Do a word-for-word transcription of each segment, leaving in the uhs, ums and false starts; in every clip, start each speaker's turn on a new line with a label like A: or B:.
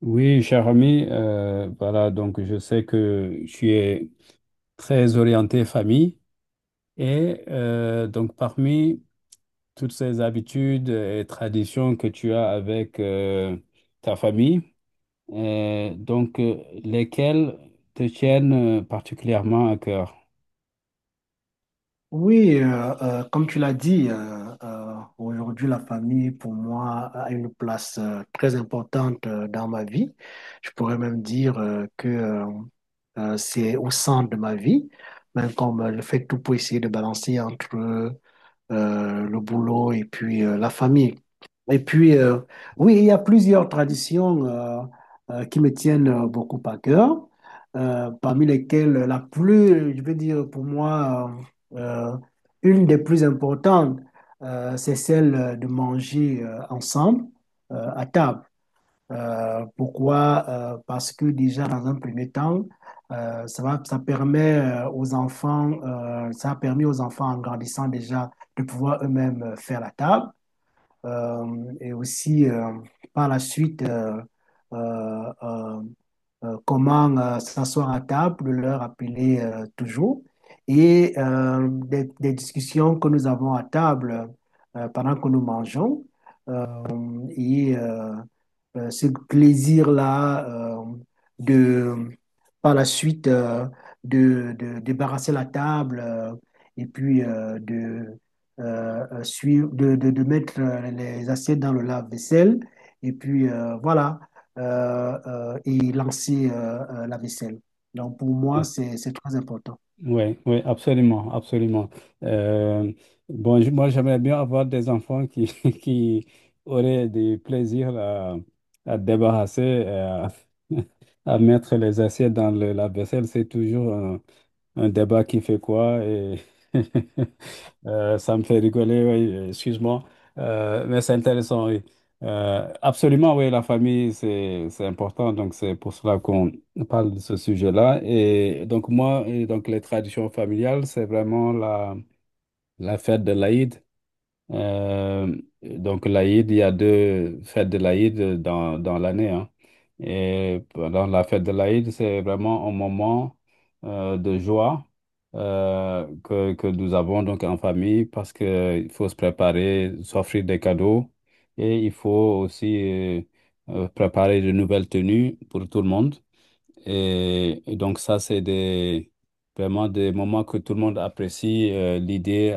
A: Oui, cher ami, euh, voilà, donc je sais que tu es très orienté famille et euh, donc parmi toutes ces habitudes et traditions que tu as avec euh, ta famille, euh, donc euh, lesquelles te tiennent euh, particulièrement à cœur?
B: Oui, euh, euh, comme tu l'as dit, euh, euh, aujourd'hui, la famille, pour moi, a une place euh, très importante euh, dans ma vie. Je pourrais même dire euh, que euh, euh, c'est au centre de ma vie, même comme euh, je fais tout pour essayer de balancer entre euh, le boulot et puis euh, la famille. Et puis, euh, oui, il y a plusieurs traditions euh, euh, qui me tiennent euh, beaucoup à cœur, euh, parmi lesquelles la plus, je veux dire, pour moi, euh, euh, une des plus importantes, euh, c'est celle de manger euh, ensemble euh, à table. Euh, pourquoi? Euh, parce que déjà, dans un premier temps, euh, ça va, ça permet euh, aux enfants, euh, ça a permis aux enfants en grandissant déjà de pouvoir eux-mêmes euh, faire la table. Euh, et aussi, euh, par la suite, euh, euh, euh, euh, comment euh, s'asseoir à table, de leur appeler euh, toujours. Et euh, des, des discussions que nous avons à table euh, pendant que nous mangeons. Euh, et euh, euh, ce plaisir-là euh, de, par la suite, euh, de, de débarrasser la table euh, et puis euh, de, euh, euh, suivre, de, de, de mettre euh, les assiettes dans le lave-vaisselle et puis euh, voilà, euh, euh, et lancer euh, euh, la vaisselle. Donc pour moi, c'est, c'est très important.
A: Oui, oui, absolument, absolument. Euh, bon, je- moi, j'aimerais bien avoir des enfants qui, qui auraient du plaisir à, à débarrasser, euh, à, mettre les assiettes dans le lave-vaisselle. C'est toujours un, un débat qui fait quoi et euh, ça me fait rigoler, oui, excuse-moi. Euh, mais c'est intéressant, oui. Euh, absolument, oui, la famille, c'est, c'est important, donc c'est pour cela qu'on parle de ce sujet-là. Et donc moi, et donc les traditions familiales, c'est vraiment la, la fête de l'Aïd, euh, donc l'Aïd, il y a deux fêtes de l'Aïd dans, dans l'année, hein. Et pendant la fête de l'Aïd, c'est vraiment un moment euh, de joie euh, que, que nous avons donc en famille parce que il faut se préparer, s'offrir des cadeaux et il faut aussi euh, euh, préparer de nouvelles tenues pour tout le monde. Et, et donc ça, c'est des, vraiment des moments que tout le monde apprécie euh, l'idée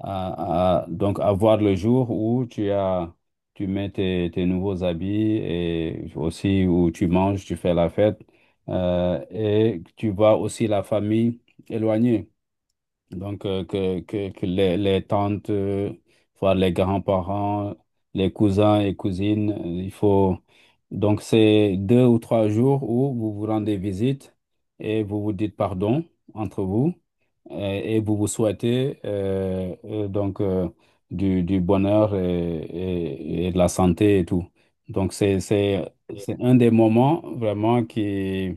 A: à- à- donc à voir le jour où tu as, tu mets tes, tes nouveaux habits et aussi où tu manges, tu fais la fête euh, et tu vois aussi la famille éloignée. Donc euh, que, que, que les, les tantes, euh, voir les grands-parents, les cousins et cousines, euh, il faut... Donc c'est deux ou trois jours où vous vous rendez visite et vous vous dites pardon entre vous et et vous vous souhaitez euh, euh, donc euh, du, du bonheur et, et- et de la santé et tout. Donc c'est, c'est, c'est un des moments vraiment qui,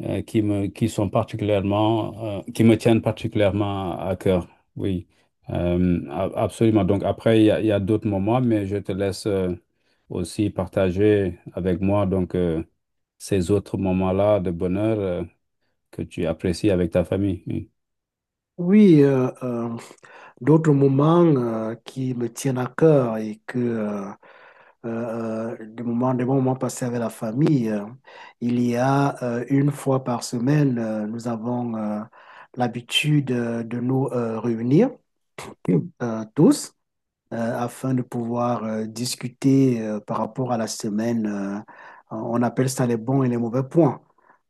A: euh, qui me, qui sont particulièrement, euh, qui me tiennent particulièrement à cœur. Oui, Euh, a- absolument. Donc après, il y a, il y a d'autres moments, mais je te laisse euh, aussi partager avec moi donc euh, ces autres moments-là de bonheur euh, que tu apprécies avec ta famille. Oui.
B: Oui, euh, euh, d'autres moments euh, qui me tiennent à cœur et que euh, euh, euh, des moments, des bons moments passés avec la famille. Euh, il y a euh, une fois par semaine, euh, nous avons euh, l'habitude euh, de nous euh, réunir euh, tous euh, afin de pouvoir euh, discuter euh, par rapport à la semaine. Euh, on appelle ça les bons et les mauvais points.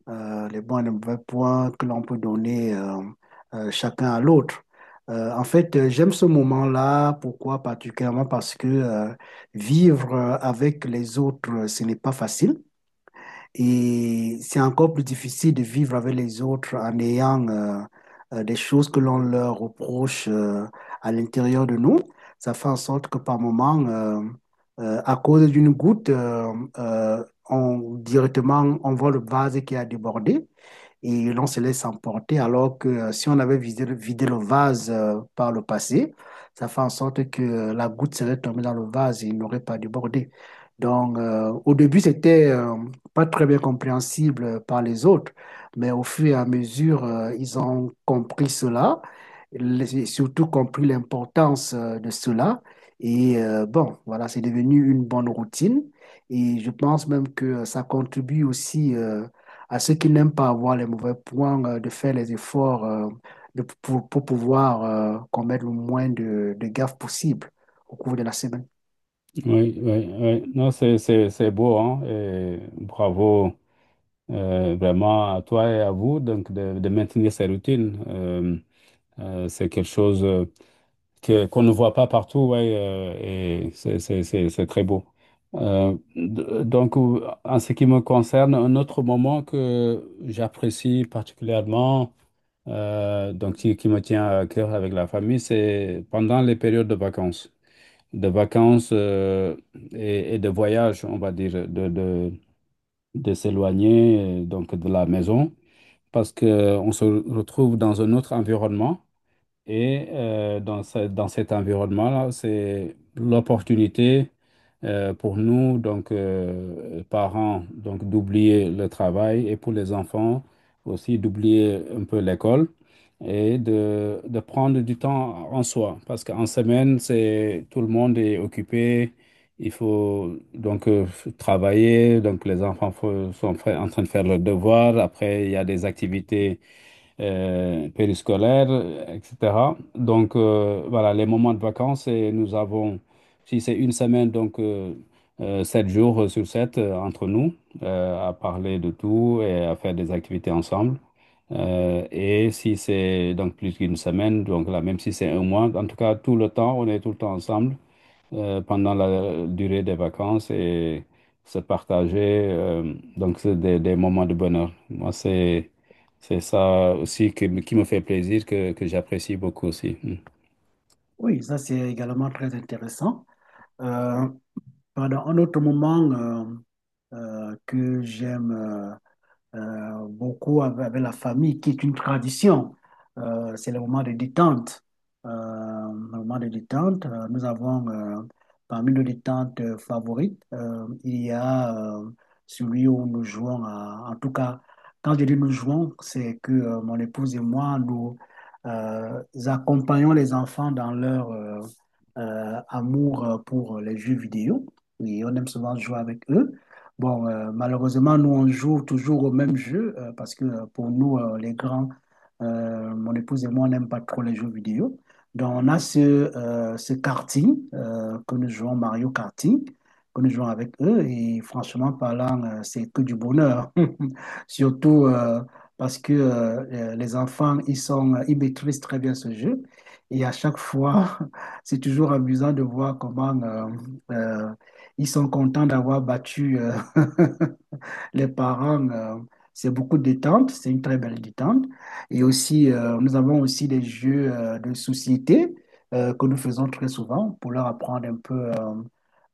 B: Euh, les bons et les mauvais points que l'on peut donner euh, euh, chacun à l'autre. Euh, en fait, euh, j'aime ce moment-là. Pourquoi particulièrement? Parce que euh, vivre euh, avec les autres, euh, ce n'est pas facile. Et c'est encore plus difficile de vivre avec les autres en ayant euh, euh, des choses que l'on leur reproche euh, à l'intérieur de nous. Ça fait en sorte que par moment, euh, euh, à cause d'une goutte, euh, euh, on, directement, on voit le vase qui a débordé et l'on se laisse emporter, alors que euh, si on avait vidé, vidé le vase euh, par le passé, ça fait en sorte que euh, la goutte serait tombée dans le vase et il n'aurait pas débordé. Donc, euh, au début, c'était euh, pas très bien compréhensible par les autres, mais au fur et à mesure, euh, ils ont compris cela, les- et surtout compris l'importance euh, de cela. Et euh, bon, voilà, c'est devenu une bonne routine. Et je pense même que euh, ça contribue aussi euh, à ceux qui n'aiment pas avoir les mauvais points euh, de faire les efforts euh, de- pour, pour pouvoir euh, commettre le moins de, de gaffes possible au cours de la semaine.
A: Oui, oui, oui. Non, c'est, c'est, c'est beau, hein, et bravo euh, vraiment à toi et à vous donc de, de maintenir ces routines. Euh, euh, c'est quelque chose euh, que, qu'on ne voit pas partout, ouais, euh, et c'est, c'est, c'est, c'est très beau. Euh, d- donc, ou- en ce qui me concerne, un autre moment que j'apprécie particulièrement, euh, donc qui, qui me tient à cœur avec la famille, c'est pendant les périodes de vacances de vacances euh, et, et de voyage, on va dire, de, de, de s'éloigner euh, donc de la maison parce que euh, on se retrouve dans un autre environnement et euh, dans ce- dans cet environnement-là, c'est l'opportunité euh, pour nous, donc euh, parents, donc d'oublier le travail et pour les enfants aussi d'oublier un peu l'école et de, de prendre du temps en soi. Parce qu'en semaine, c'est tout le monde est occupé. Il faut donc euh, travailler. Donc les enfants fo- sont fra- en train de faire leurs devoirs. Après, il y a des activités euh, périscolaires, euh, et cætera. Donc, euh, voilà, les moments de vacances, et nous avons, si c'est une semaine, donc euh, euh, sept jours sur sept euh, entre nous, euh, à parler de tout et à faire des activités ensemble. Euh, et si c'est donc plus qu'une semaine, donc là, même si c'est un mois, en tout cas, tout le temps, on est tout le temps ensemble euh, pendant la durée des vacances et se partager. euh, donc, c'est des, des moments de bonheur. Moi, c'est, c'est ça aussi qui, me qui me fait plaisir, que, que j'apprécie beaucoup aussi. Mm.
B: Oui, ça c'est également très intéressant. Euh, Pendant un autre moment euh, euh, que j'aime euh, euh, beaucoup avec, avec la famille, qui est une tradition. Euh, c'est le moment de détente. Euh, le moment de détente, euh, nous avons euh, parmi nos détentes euh, favorites, euh, il y a euh, celui où nous jouons, à- en tout cas, quand je dis nous jouons, c'est que euh, mon épouse et moi, nous euh, accompagnons les enfants dans leur euh, euh, amour euh, pour les jeux vidéo. Et on aime souvent jouer avec eux. Bon, euh, malheureusement, nous, on joue toujours au même jeu euh, parce que euh, pour nous, euh, les grands, euh, mon épouse et moi, on n'aime pas trop les jeux vidéo. Donc, on a ce, euh, ce karting euh, que nous jouons, Mario Karting, que nous jouons avec eux. Et franchement parlant, euh, c'est que du bonheur. Surtout euh, parce que euh, euh, les enfants, ils sont, euh, ils maîtrisent très bien ce jeu. Et à chaque fois, c'est toujours amusant de voir comment euh, euh, ils sont contents d'avoir battu. euh, Les parents, euh, c'est beaucoup de détente, c'est une très belle détente. Et aussi, euh, nous avons aussi des jeux euh, de société euh, que nous faisons très souvent pour leur apprendre un peu euh,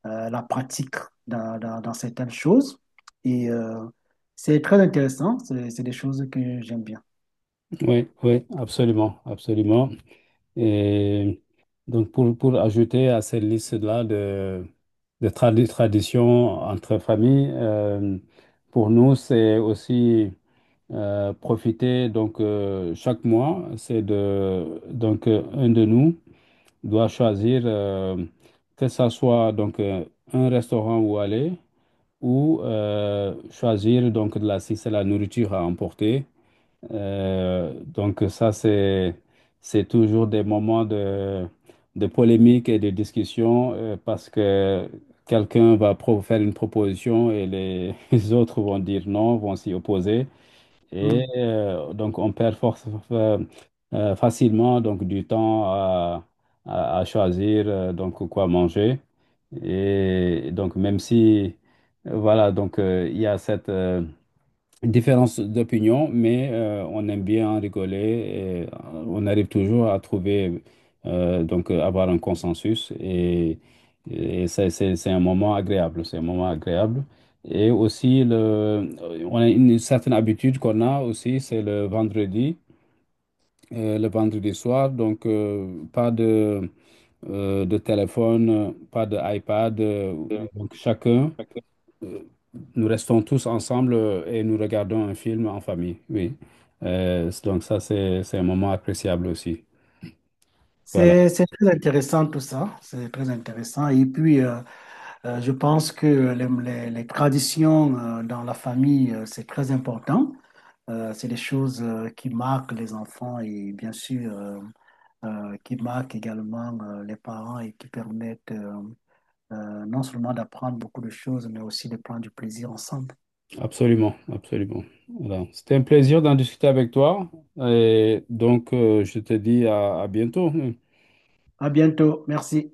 B: euh, la pratique dans, dans- dans certaines choses. Et euh, c'est très intéressant, c'est c'est des choses que j'aime bien.
A: Oui, oui, absolument, absolument. Et donc, pour, pour ajouter à cette liste-là de, de tradi- traditions entre familles, euh, pour nous, c'est aussi euh, profiter donc euh, chaque mois, c'est de donc euh, un de nous doit choisir euh, que ça soit donc euh, un restaurant où aller ou euh, choisir donc de la si c'est la nourriture à emporter. Euh, donc ça c'est c'est toujours des moments de de polémique et de discussion euh, parce que quelqu'un va pro- faire une proposition et les les autres vont dire non, vont s'y opposer. Et
B: Mmh.
A: euh, donc, on perd force, euh, euh, facilement donc, du temps à, à- à choisir euh, donc, quoi manger. Et donc, même si, euh, voilà, donc, euh, il y a cette, euh, une différence d'opinion, mais euh, on aime bien en rigoler et euh, on arrive toujours à trouver, euh, donc euh, avoir un consensus et, et c'est c'est- c'est un moment agréable, c'est un moment agréable. Et aussi, le, on a une certaine habitude qu'on a aussi, c'est le vendredi, euh, le vendredi soir, donc euh, pas de, euh, de téléphone, pas d'iPad, donc chacun. Nous restons tous ensemble euh, et nous regardons un film en famille, oui. Euh, c- donc ça, c'est, c'est un moment appréciable aussi. Voilà,
B: C'est, c'est très intéressant tout ça, c'est très intéressant. Et puis, euh, euh, je pense que les, les- les traditions euh, dans la famille, euh, c'est très important. Euh, c'est des choses euh, qui marquent les enfants et bien sûr euh, euh, qui marquent également euh, les parents et qui permettent euh, euh, non seulement d'apprendre beaucoup de choses, mais aussi de prendre du plaisir ensemble.
A: absolument, absolument. Voilà. C'était un plaisir d'en discuter avec toi et donc euh, je te dis à à bientôt.
B: À bientôt, merci.